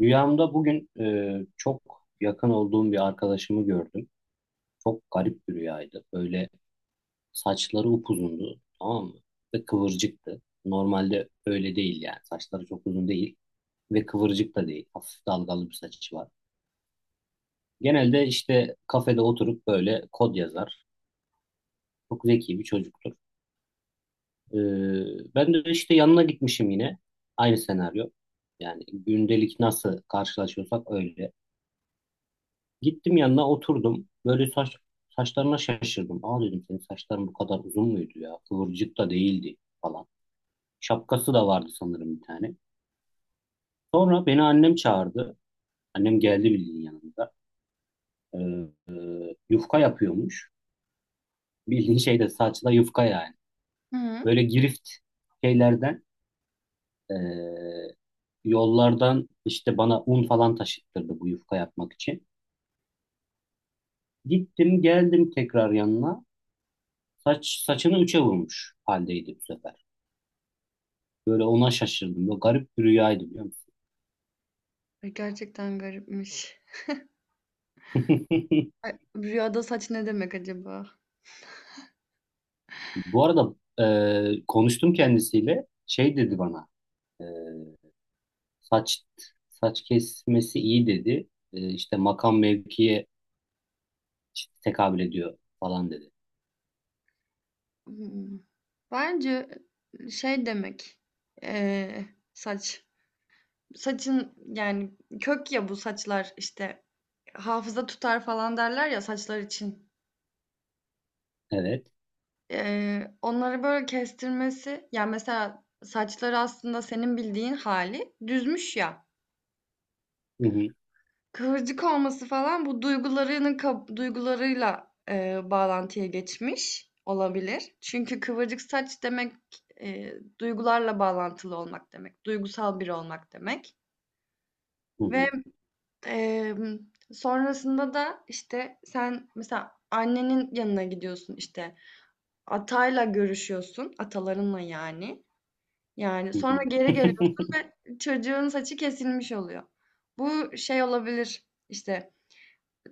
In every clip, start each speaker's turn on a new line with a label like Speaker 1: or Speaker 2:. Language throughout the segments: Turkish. Speaker 1: Rüyamda bugün çok yakın olduğum bir arkadaşımı gördüm. Çok garip bir rüyaydı. Böyle saçları upuzundu, tamam mı? Ve kıvırcıktı. Normalde öyle değil yani. Saçları çok uzun değil ve kıvırcık da değil. Hafif dalgalı bir saçı var. Genelde işte kafede oturup böyle kod yazar. Çok zeki bir çocuktur. E, Ben de işte yanına gitmişim yine. Aynı senaryo. Yani gündelik nasıl karşılaşıyorsak öyle. Gittim yanına oturdum. Böyle saçlarına şaşırdım. Aa dedim senin saçların bu kadar uzun muydu ya? Kıvırcık da değildi falan. Şapkası da vardı sanırım bir tane. Sonra beni annem çağırdı. Annem geldi bildiğin yanında. Ee, yufka yapıyormuş. Bildiğin şey de saçla yufka yani.
Speaker 2: Hı.
Speaker 1: Böyle girift şeylerden ee, yollardan işte bana un falan taşıttırdı bu yufka yapmak için. Gittim geldim tekrar yanına. Saçını üçe vurmuş haldeydi bu sefer. Böyle ona şaşırdım. Böyle garip bir rüyaydı biliyor musun?
Speaker 2: Ay, gerçekten garipmiş. Ay, rüyada saç ne demek acaba?
Speaker 1: Bu arada konuştum kendisiyle. Şey dedi bana. e, saç saç kesmesi iyi dedi. İşte makam mevkiye tekabül ediyor falan dedi.
Speaker 2: Hımm. Bence, şey demek, eee, saç. Saçın yani kök ya bu saçlar, işte, hafıza tutar falan derler ya saçlar için.
Speaker 1: Evet.
Speaker 2: Onları böyle kestirmesi, ya, mesela saçları aslında senin bildiğin hali düzmüş ya.
Speaker 1: Hı hı,
Speaker 2: Kıvırcık olması falan bu duygularının duygularıyla, bağlantıya geçmiş olabilir. Çünkü kıvırcık saç demek, duygularla bağlantılı olmak demek, duygusal biri olmak demek
Speaker 1: hı
Speaker 2: ve,
Speaker 1: hı,
Speaker 2: emm, sonrasında da, işte, sen mesela annenin yanına gidiyorsun, işte, atayla görüşüyorsun, atalarınla yani. Yani,
Speaker 1: hı
Speaker 2: sonra
Speaker 1: hı.
Speaker 2: geri geliyorsun ve çocuğun saçı kesilmiş oluyor. Bu şey olabilir, işte,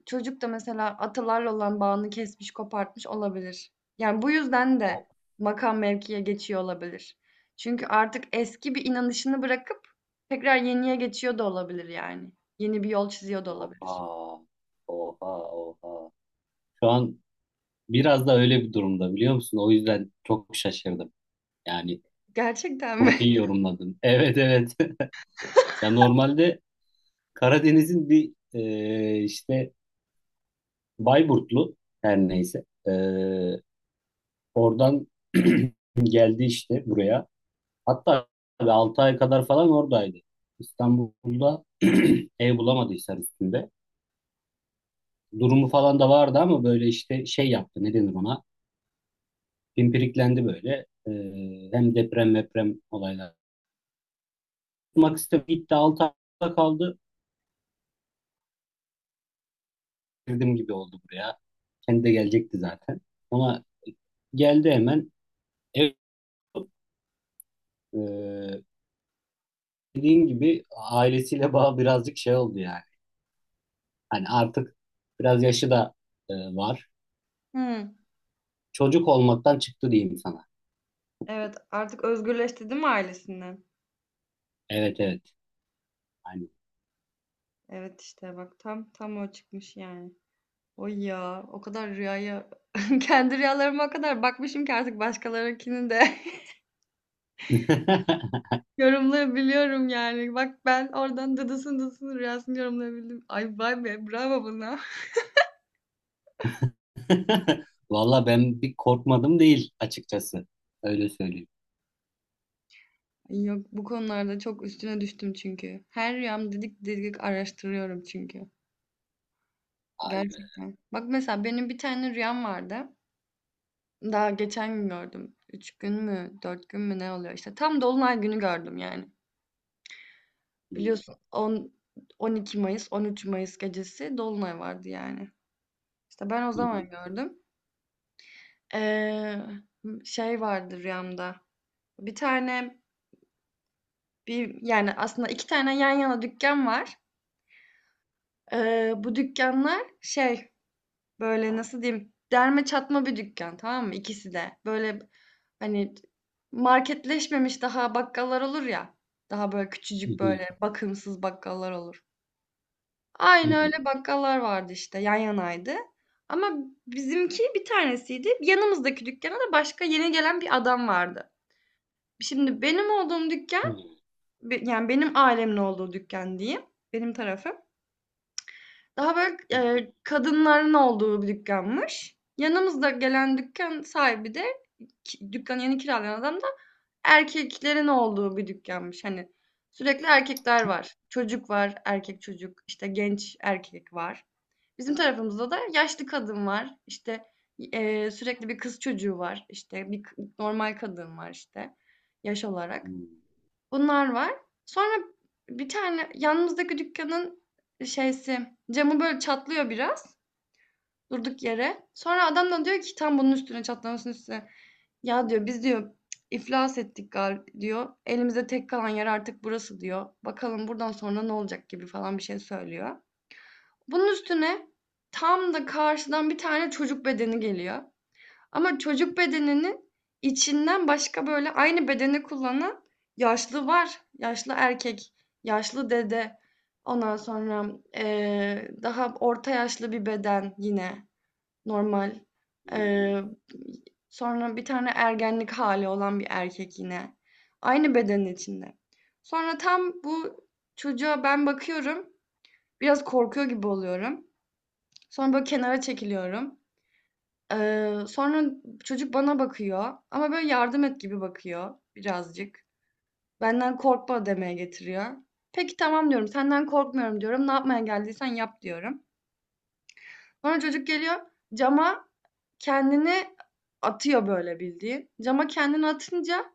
Speaker 2: çocuk da mesela atalarla olan bağını kesmiş, kopartmış olabilir. Yani bu yüzden
Speaker 1: O-
Speaker 2: de makam mevkiye geçiyor olabilir. Çünkü artık eski bir inanışını bırakıp tekrar yeniye geçiyor da olabilir yani. Yeni bir yol çiziyor da olabilir.
Speaker 1: Oha. Oha. Oha. Şu an biraz da öyle bir durumda biliyor musun? O yüzden çok şaşırdım. Yani
Speaker 2: Gerçekten mi?
Speaker 1: çok iyi yorumladın. Evet, evet. Ya normalde Karadeniz'in bir işte Bayburtlu her neyse. Oradan geldi işte buraya. Hatta 6 ay kadar falan oradaydı. İstanbul'da ev bulamadı Hisar üstünde. Durumu falan da vardı ama böyle işte şey yaptı ne denir ona. Pimpiriklendi böyle. Hem deprem meprem olaylar. Tutmak istemedi. Gitti 6 ayda kaldı. Girdim gibi oldu buraya. Kendi de gelecekti zaten. Ona geldi hemen. Ev ee, dediğin gibi ailesiyle bağ birazcık şey oldu yani. Hani artık biraz yaşı da var.
Speaker 2: Hımm.
Speaker 1: Çocuk olmaktan çıktı diyeyim sana.
Speaker 2: Evet, artık özgürleşti değil mi ailesinden?
Speaker 1: Evet, evet. Hani.
Speaker 2: Evet, işte bak tam o çıkmış yani. Oy ya, o kadar rüyaya kendi rüyalarıma o kadar bakmışım ki artık başkalarınkini de yorumlayabiliyorum yani. Bak ben oradan Dıdıs'ın rüyasını yorumlayabildim. Ay vay be bravo bana.
Speaker 1: Valla ben bir korkmadım değil açıkçası. Öyle söyleyeyim.
Speaker 2: Ay, yok, bu konularda çok üstüne düştüm çünkü. Her rüyam didik didik araştırıyorum çünkü.
Speaker 1: Vay be.
Speaker 2: Gerçekten. Bak mesela benim bir tane rüyam vardı. Daha geçen gün gördüm. Üç gün mü, dört gün mü ne oluyor işte. Tam Dolunay günü gördüm yani. Biliyorsun 10, 12 Mayıs, 13 Mayıs gecesi Dolunay vardı yani. İşte ben o zaman gördüm. Ee, şey vardı rüyamda. Bir tane, bir, yani aslında 2 tane yan yana dükkân var. Bu dükkanlar şey, böyle, nasıl diyeyim, derme çatma bir dükkân, tamam mı? İkisi de. Böyle, hani, marketleşmemiş daha bakkallar olur ya, daha böyle küçücük, böyle, bakımsız bakkallar olur. Aynı öyle bakkallar vardı işte, yan yanaydı. Ama bizimki bir tanesiydi. Yanımızdaki dükkâna da başka yeni gelen bir adam vardı. Şimdi benim olduğum dükkân, yani benim ailemin olduğu dükkan diyeyim, benim tarafım. Daha böyle, kadınların olduğu bir dükkanmış. Yanımızda gelen dükkan sahibi de ki dükkanı yeni kiralayan adam da erkeklerin olduğu bir dükkanmış. Hani sürekli erkekler var. Çocuk var, erkek çocuk, işte genç erkek var. Bizim tarafımızda da yaşlı kadın var. İşte, sürekli bir kız çocuğu var. İşte bir normal kadın var işte yaş olarak. Bunlar var. Sonra bir tane yanımızdaki dükkanın şeysi camı böyle çatlıyor biraz durduk yere. Sonra adam da diyor ki tam bunun üstüne, çatlamasının üstüne. Ya diyor, biz diyor, iflas ettik galiba diyor. Elimizde tek kalan yer artık burası diyor. Bakalım buradan sonra ne olacak gibi falan bir şey söylüyor. Bunun üstüne tam da karşıdan bir tane çocuk bedeni geliyor. Ama çocuk bedeninin içinden başka, böyle, aynı bedeni kullanan yaşlı var. Yaşlı erkek, yaşlı dede, ondan sonra, daha orta yaşlı bir beden yine normal. Eee, sonra bir tane ergenlik hali olan bir erkek yine. Aynı bedenin içinde. Sonra tam bu çocuğa ben bakıyorum, biraz korkuyor gibi oluyorum. Sonra, böyle, kenara çekiliyorum. Sonra çocuk bana bakıyor ama böyle yardım et gibi bakıyor birazcık. Benden korkma demeye getiriyor. Peki, tamam diyorum. Senden korkmuyorum diyorum. Ne yapmaya geldiysen yap diyorum. Sonra çocuk geliyor, cama kendini atıyor böyle bildiğin. Cama kendini atınca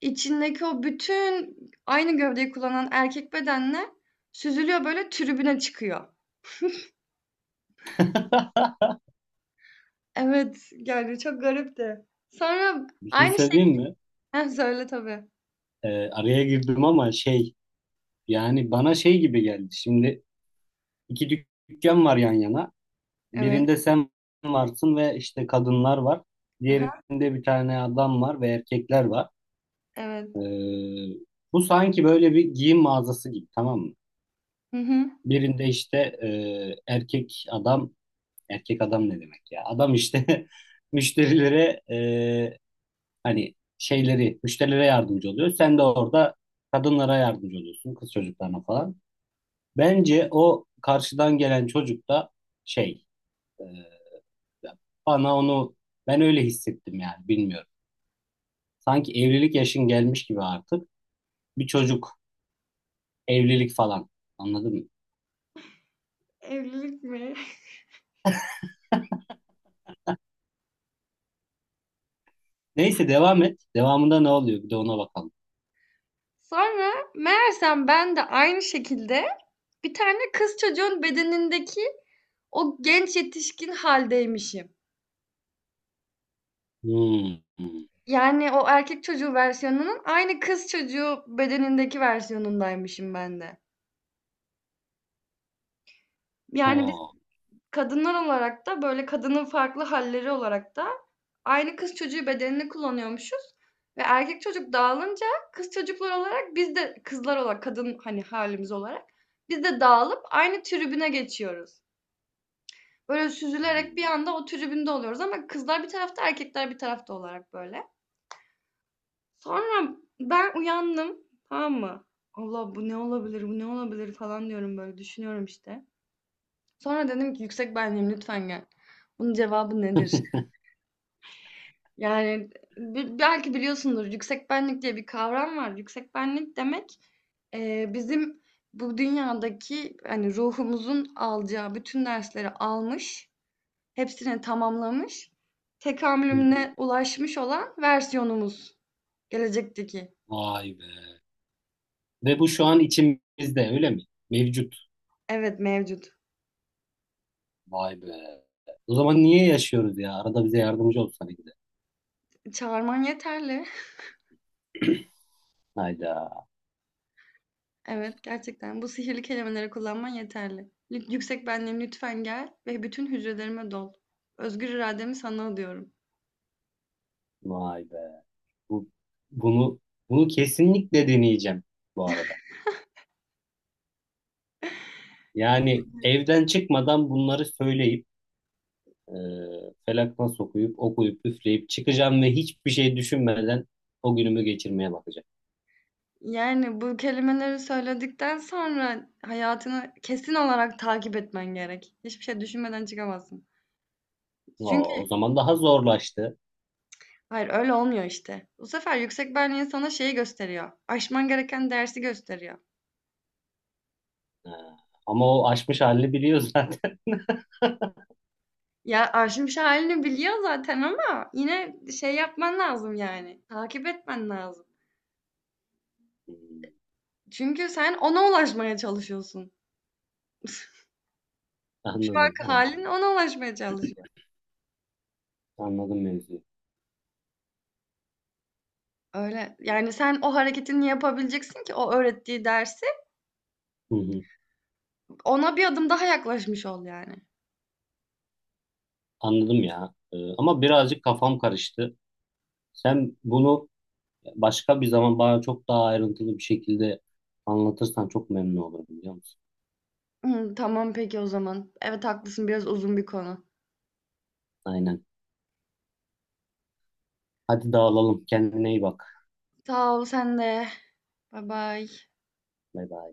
Speaker 2: içindeki o bütün aynı gövdeyi kullanan erkek bedenle süzülüyor, böyle tribüne çıkıyor. Evet yani çok garipti. Sonra
Speaker 1: Bir şey
Speaker 2: aynı
Speaker 1: söyleyeyim mi?
Speaker 2: şekilde söyle tabii.
Speaker 1: Araya girdim ama şey yani bana şey gibi geldi. Şimdi iki dükkan var yan yana.
Speaker 2: Evet.
Speaker 1: Birinde sen varsın ve işte kadınlar var.
Speaker 2: Aha,
Speaker 1: Diğerinde bir tane adam var ve erkekler var.
Speaker 2: evet.
Speaker 1: Ee, bu sanki böyle bir giyim mağazası gibi tamam mı?
Speaker 2: Hı hı.
Speaker 1: Birinde işte e, erkek adam, erkek adam ne demek ya? Adam işte müşterilere hani şeyleri, müşterilere yardımcı oluyor. Sen de orada kadınlara yardımcı oluyorsun, kız çocuklarına falan. Bence o karşıdan gelen çocuk da şey, e, bana onu ben öyle hissettim yani bilmiyorum. Sanki evlilik yaşın gelmiş gibi artık. Bir çocuk, evlilik falan. Anladın mı?
Speaker 2: Evlilik mi?
Speaker 1: Neyse devam et. Devamında ne oluyor? Bir de ona bakalım.
Speaker 2: Sonra meğersem ben de aynı şekilde bir tane kız çocuğun bedenindeki o genç yetişkin haldeymişim.
Speaker 1: Hmm. Hmm.
Speaker 2: Yani o erkek çocuğu versiyonunun aynı kız çocuğu bedenindeki versiyonundaymışım ben de. Yani,
Speaker 1: Oo.
Speaker 2: kadınlar olarak da, böyle, kadının farklı halleri olarak da aynı kız çocuğu bedenini kullanıyormuşuz ve erkek çocuk dağılınca kız çocuklar olarak, biz de kızlar olarak, kadın, hani, halimiz olarak biz de dağılıp aynı tribüne geçiyoruz. Böyle
Speaker 1: Hmm.
Speaker 2: süzülerek bir anda o tribünde oluyoruz ama kızlar bir tarafta, erkekler bir tarafta olarak, böyle. Sonra ben uyandım, tamam mı? "Allah, bu ne olabilir, bu ne olabilir?" falan diyorum, böyle düşünüyorum, işte. Sonra dedim ki, "Yüksek benliğim, lütfen gel. Bunun cevabı nedir?" Yani, belki biliyorsundur, yüksek benlik diye bir kavram var. Yüksek benlik demek, bizim bu dünyadaki, hani, ruhumuzun alacağı bütün dersleri almış, hepsini tamamlamış, tekamülüne ulaşmış olan versiyonumuz, gelecekteki.
Speaker 1: Vay be. Ve bu şu an içimizde öyle mi? Mevcut.
Speaker 2: Evet, mevcut.
Speaker 1: Vay be. O zaman niye yaşıyoruz ya? Arada bize yardımcı olsana bir de.
Speaker 2: Çağırman yeterli.
Speaker 1: Hayda.
Speaker 2: Evet, gerçekten bu sihirli kelimeleri kullanman yeterli. "Yüksek benliğim lütfen gel ve bütün hücrelerime dol. Özgür irademi sana adıyorum."
Speaker 1: Vay be. Bu, bunu bunu kesinlikle deneyeceğim bu arada. Yani evden çıkmadan bunları söyleyip e, felakna sokuyup okuyup üfleyip çıkacağım ve hiçbir şey düşünmeden o günümü geçirmeye bakacağım.
Speaker 2: Yani, bu kelimeleri söyledikten sonra hayatını kesin olarak takip etmen gerek. Hiçbir şey düşünmeden çıkamazsın.
Speaker 1: O, o
Speaker 2: Çünkü
Speaker 1: zaman daha zorlaştı.
Speaker 2: hayır, öyle olmuyor işte. Bu sefer yüksek benliğin sana şeyi gösteriyor, aşman gereken dersi gösteriyor.
Speaker 1: Ha, ama o aşmış halini biliyor zaten.
Speaker 2: Ya, aşmış halini biliyor zaten ama yine şey yapman lazım yani, takip etmen lazım.
Speaker 1: Hmm,
Speaker 2: Çünkü sen ona ulaşmaya çalışıyorsun. Şu
Speaker 1: Anladım,
Speaker 2: anki
Speaker 1: anladım,
Speaker 2: halin ona ulaşmaya çalışıyor.
Speaker 1: anladım mevzuyu.
Speaker 2: Öyle. Yani sen o hareketini yapabileceksin ki o öğrettiği dersi
Speaker 1: Hı hı,
Speaker 2: ona bir adım daha yaklaşmış ol yani.
Speaker 1: anladım ya. Ama birazcık kafam karıştı. Sen bunu başka bir zaman bana çok daha ayrıntılı bir şekilde anlatırsan çok memnun olurum biliyor musun?
Speaker 2: Hı, tamam peki o zaman. Evet, haklısın, biraz uzun bir konu.
Speaker 1: Aynen. Hadi dağılalım. Kendine iyi bak.
Speaker 2: Sağ ol, sen de. Bay bay.
Speaker 1: Bay bay.